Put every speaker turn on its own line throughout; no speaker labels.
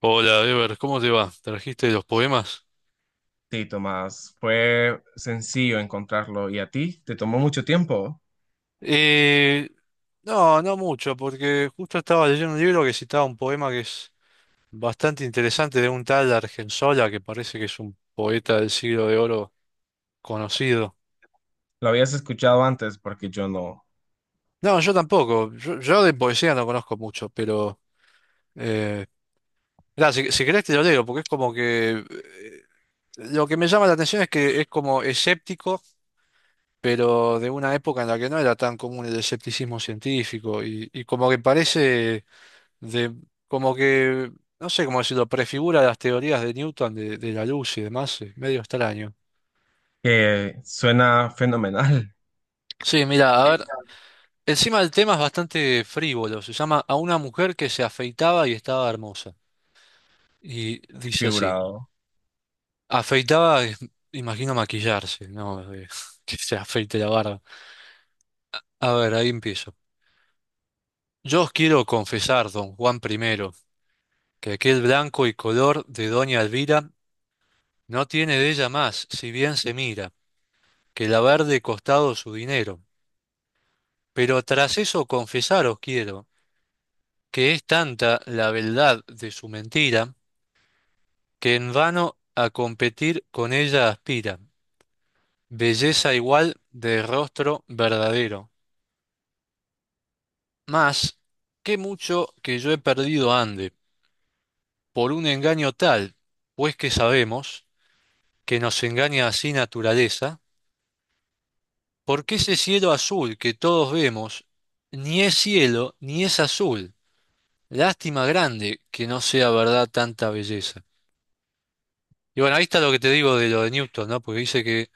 Hola, Ever, ¿cómo te va? ¿Trajiste los poemas?
Sí, Tomás, fue sencillo encontrarlo. ¿Y a ti? ¿Te tomó mucho tiempo?
Eh, no, no mucho, porque justo estaba leyendo un libro que citaba un poema que es bastante interesante de un tal Argensola, que parece que es un poeta del Siglo de Oro conocido.
¿Lo habías escuchado antes? Porque yo no.
No, yo tampoco, yo de poesía no conozco mucho, pero eh, mirá, si querés te lo leo, porque es como que lo que me llama la atención es que es como escéptico, pero de una época en la que no era tan común el escepticismo científico, y como que parece de como que, no sé cómo decirlo, prefigura las teorías de Newton de la luz y demás, medio extraño.
Que suena fenomenal,
Sí, mira, a ver, encima del tema es bastante frívolo, se llama A una mujer que se afeitaba y estaba hermosa. Y dice así,
figurado,
afeitaba, imagino maquillarse, ¿no? Que se afeite la barba. A ver, ahí empiezo. Yo os quiero confesar, don Juan primero, que aquel blanco y color de doña Elvira no tiene de ella más, si bien se mira. Que el de costado su dinero. Pero tras eso confesaros quiero que es tanta la beldad de su mentira, que en vano a competir con ella aspira, belleza igual de rostro verdadero. Mas, qué mucho que yo he perdido ande, por un engaño tal, pues que sabemos, que nos engaña así naturaleza, porque ese cielo azul que todos vemos, ni es cielo, ni es azul, lástima grande que no sea verdad tanta belleza. Y bueno, ahí está lo que te digo de lo de Newton, ¿no? Porque dice que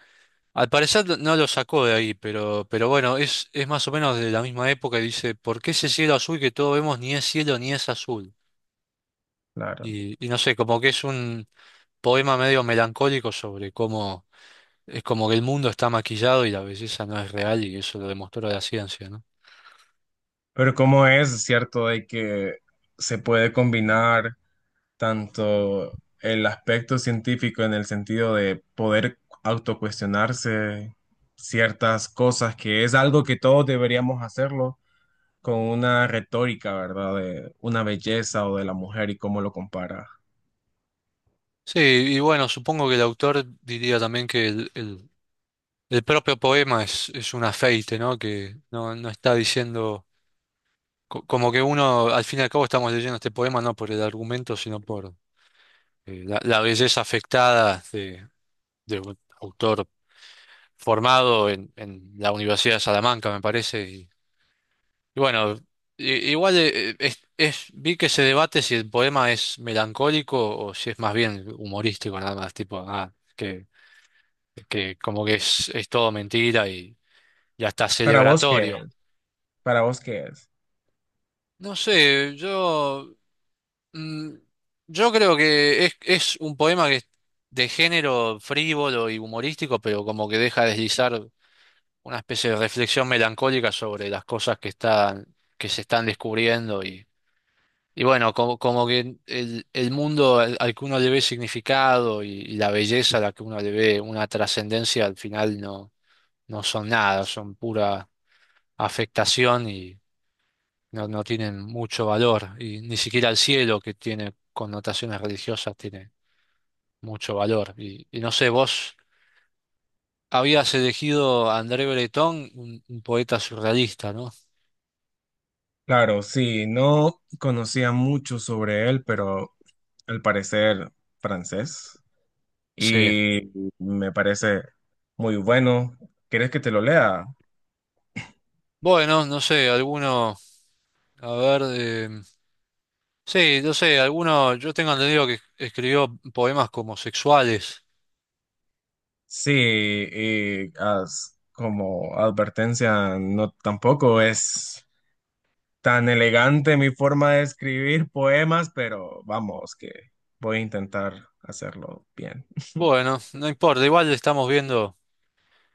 al parecer no lo sacó de ahí, pero bueno, es más o menos de la misma época y dice, ¿por qué ese cielo azul que todos vemos ni es cielo ni es azul?
claro.
Y no sé, como que es un poema medio melancólico sobre cómo es como que el mundo está maquillado y la belleza no es real y eso lo demostró la ciencia, ¿no?
Pero ¿cómo es cierto de que se puede combinar tanto el aspecto científico en el sentido de poder autocuestionarse ciertas cosas, que es algo que todos deberíamos hacerlo? Con una retórica, ¿verdad? De una belleza o de la mujer y cómo lo compara.
Sí, y bueno, supongo que el autor diría también que el propio poema es un afeite, ¿no? Que no, no está diciendo, como que uno, al fin y al cabo estamos leyendo este poema no por el argumento, sino por la belleza afectada de un autor formado en la Universidad de Salamanca, me parece. Y bueno, igual es, vi que se debate si el poema es melancólico o si es más bien humorístico, nada más, tipo, ah, que como que es todo mentira y hasta
Para vos, ¿qué
celebratorio.
es? Para vos, ¿qué es?
No sé, yo, mm, yo creo que es un poema que es de género frívolo y humorístico, pero como que deja deslizar una especie de reflexión melancólica sobre las cosas que están, que se están descubriendo y bueno, como, como que el mundo al que uno le ve significado y la belleza a la que uno le ve una trascendencia al final no, no son nada, son pura afectación y no, no tienen mucho valor y ni siquiera el cielo, que tiene connotaciones religiosas, tiene mucho valor. Y no sé, vos habías elegido a André Breton, un poeta surrealista, ¿no?
Claro, sí, no conocía mucho sobre él, pero al parecer francés
Sí.
y me parece muy bueno. ¿Quieres que te lo lea?
Bueno, no sé, alguno, a ver, sí, no sé, alguno, yo tengo entendido que escribió poemas como sexuales.
Sí, y as- como advertencia, no tampoco es tan elegante mi forma de escribir poemas, pero vamos, que voy a intentar hacerlo bien.
Bueno, no importa, igual estamos viendo,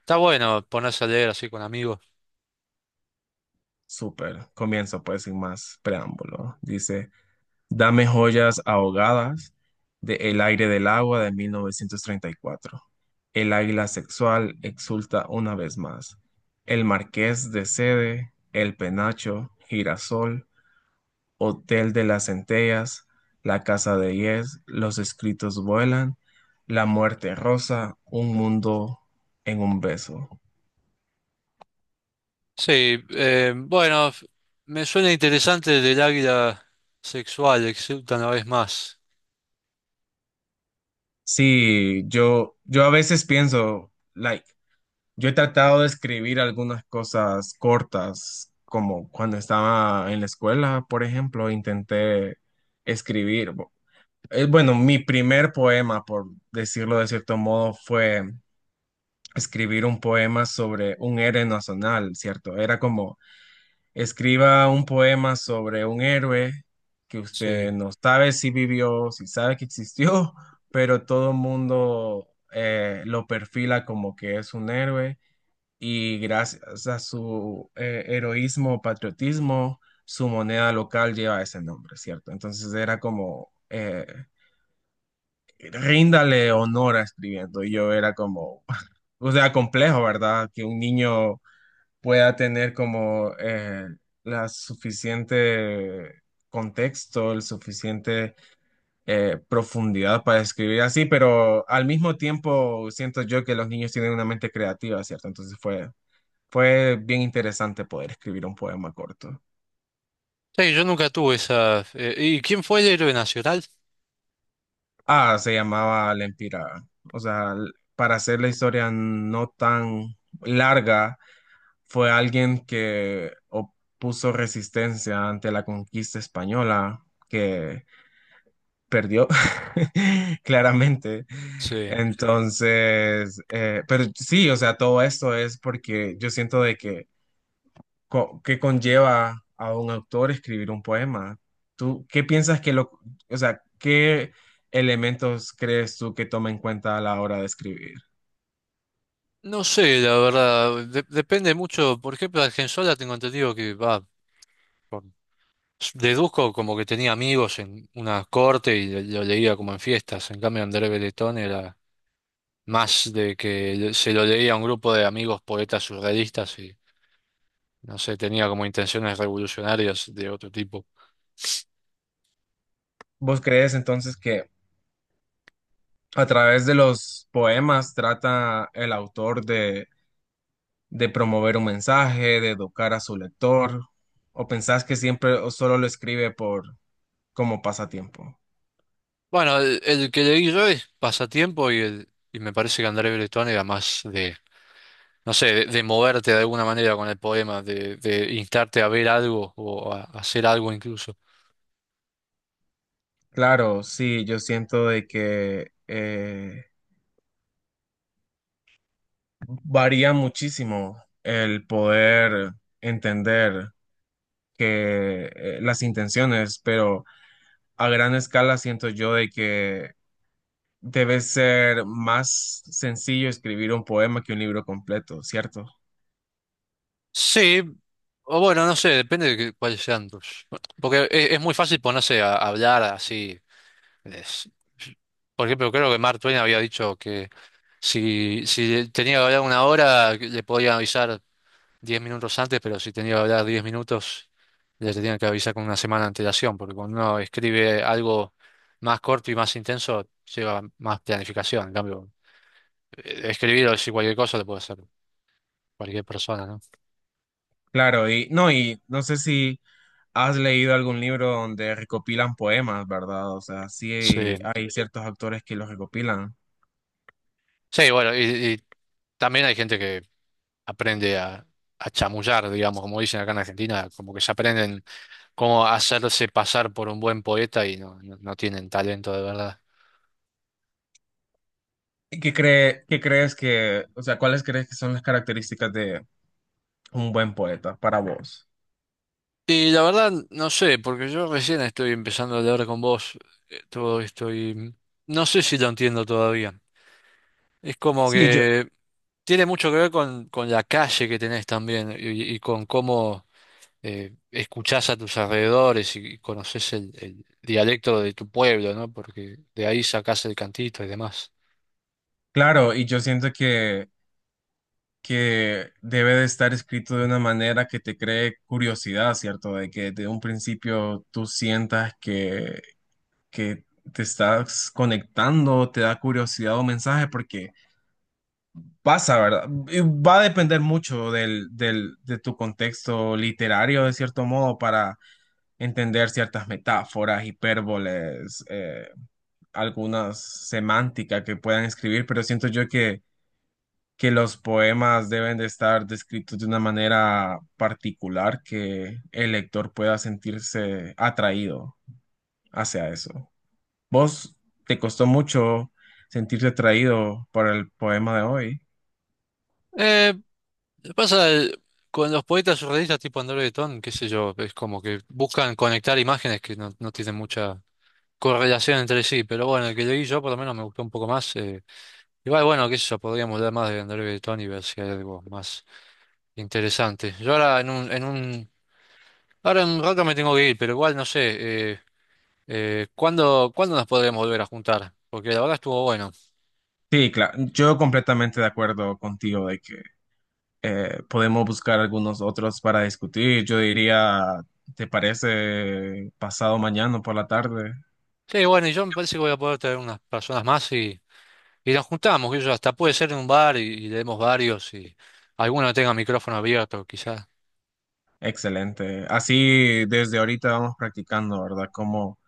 está bueno ponerse a leer así con amigos.
Súper. Comienzo pues sin más preámbulo. Dice, dame joyas ahogadas de El aire del agua de 1934. El águila sexual exulta una vez más. El marqués de Sede, el penacho, girasol, Hotel de las Centellas, La Casa de Yes, Los Escritos Vuelan, La Muerte Rosa, Un Mundo en un Beso.
Sí, bueno, me suena interesante del águila sexual, exulta una vez más.
Sí, yo a veces pienso, like, yo he tratado de escribir algunas cosas cortas, como cuando estaba en la escuela, por ejemplo, intenté escribir. Bueno, mi primer poema, por decirlo de cierto modo, fue escribir un poema sobre un héroe nacional, ¿cierto? Era como escriba un poema sobre un héroe que usted
Sí.
no sabe si vivió, si sabe que existió, pero todo el mundo lo perfila como que es un héroe y gracias a su heroísmo, o patriotismo, su moneda local lleva ese nombre, ¿cierto? Entonces era como, ríndale honor a escribiendo. Y yo era como, o sea, complejo, ¿verdad? Que un niño pueda tener como la suficiente contexto, el suficiente profundidad para escribir así, pero al mismo tiempo siento yo que los niños tienen una mente creativa, ¿cierto? Fue bien interesante poder escribir un poema corto.
Sí, yo nunca tuve esa. Eh, ¿y quién fue el héroe nacional?
Ah, se llamaba La Empírada. O sea, para hacer la historia no tan larga, fue alguien que opuso resistencia ante la conquista española, que perdió, claramente.
Sí.
Entonces, pero sí, o sea, todo esto es porque yo siento de que, que conlleva a un autor escribir un poema. ¿Tú qué piensas que o sea, qué elementos crees tú que toma en cuenta a la hora de escribir?
No sé, la verdad. Depende mucho. Por ejemplo, Argensola tengo entendido que va. por- Deduzco como que tenía amigos en una corte y lo leía como en fiestas. En cambio, André Breton era más de que se lo leía a un grupo de amigos poetas surrealistas. No sé, tenía como intenciones revolucionarias de otro tipo.
¿Vos crees entonces que a través de los poemas trata el autor de promover un mensaje, de educar a su lector, o pensás que siempre o solo lo escribe por como pasatiempo?
Bueno, el que leí yo es Pasatiempo y, el, y me parece que André Breton era más de, no sé, de moverte de alguna manera con el poema, de instarte a ver algo o a hacer algo incluso.
Claro, sí, yo siento de que varía muchísimo el poder entender que las intenciones, pero a gran escala siento yo de que debe ser más sencillo escribir un poema que un libro completo, ¿cierto?
Sí, o bueno, no sé, depende de cuáles sean tus… Porque es muy fácil ponerse a hablar así. es- por ejemplo, creo que Mark Twain había dicho que si tenía que hablar una hora, que le podían avisar 10 minutos antes, pero si tenía que hablar 10 minutos, les tenían que avisar con una semana de antelación, porque cuando uno escribe algo más corto y más intenso, lleva más planificación. En cambio, escribir o decir cualquier cosa lo puede hacer cualquier persona, ¿no?
Claro, y no sé si ¿has leído algún libro donde recopilan poemas, verdad? O sea, sí
Sí,
hay ciertos autores que los recopilan.
sí, bueno, y también hay gente que aprende a chamullar, digamos, como dicen acá en Argentina, como que se aprenden cómo hacerse pasar por un buen poeta y no, no no tienen talento de verdad.
¿Y ¿qué cree, qué crees que, o sea, cuáles crees que son las características de un buen poeta para vos?
Y la verdad, no sé, porque yo recién estoy empezando a hablar con vos todo esto y no sé si lo entiendo todavía. Es como
Sí, yo,
que tiene mucho que ver con la calle que tenés también y con cómo escuchás a tus alrededores y, conoces el dialecto de tu pueblo, ¿no? Porque de ahí sacás el cantito y demás.
claro, y yo siento que debe de estar escrito de una manera que te cree curiosidad, ¿cierto? De que de un principio tú sientas que te estás conectando, te da curiosidad o mensaje, porque pasa, ¿verdad? Y va a depender mucho de tu contexto literario, de cierto modo, para entender ciertas metáforas, hipérboles, algunas semánticas que puedan escribir, pero siento yo que los poemas deben de estar descritos de una manera particular que el lector pueda sentirse atraído hacia eso. ¿Vos te costó mucho sentirte atraído por el poema de hoy?
Eh, pasa con los poetas surrealistas tipo André Breton, qué sé yo, es como que buscan conectar imágenes que no, no tienen mucha correlación entre sí, pero bueno, el que leí yo por lo menos me gustó un poco más. Eh, igual, bueno, qué sé yo, podríamos hablar más de André Breton y ver si hay algo más interesante. Yo ahora en un, Ahora en un rato me tengo que ir, pero igual no sé, ¿cuándo nos podremos volver a juntar? Porque la verdad estuvo bueno.
Sí, claro, yo completamente de acuerdo contigo de que podemos buscar algunos otros para discutir. Yo diría, ¿te parece pasado mañana por la tarde?
Sí, bueno, y yo me parece que voy a poder traer unas personas más y nos juntamos, que yo hasta puede ser en un bar y leemos varios y alguno tenga micrófono abierto, quizás.
Excelente. Así desde ahorita vamos practicando, ¿verdad? Cómo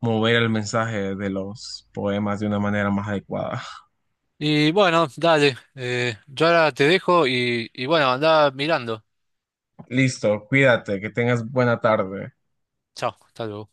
mover el mensaje de los poemas de una manera más adecuada.
Y bueno, dale, yo ahora te dejo y bueno, andá mirando.
Listo, cuídate, que tengas buena tarde.
Chao, hasta luego.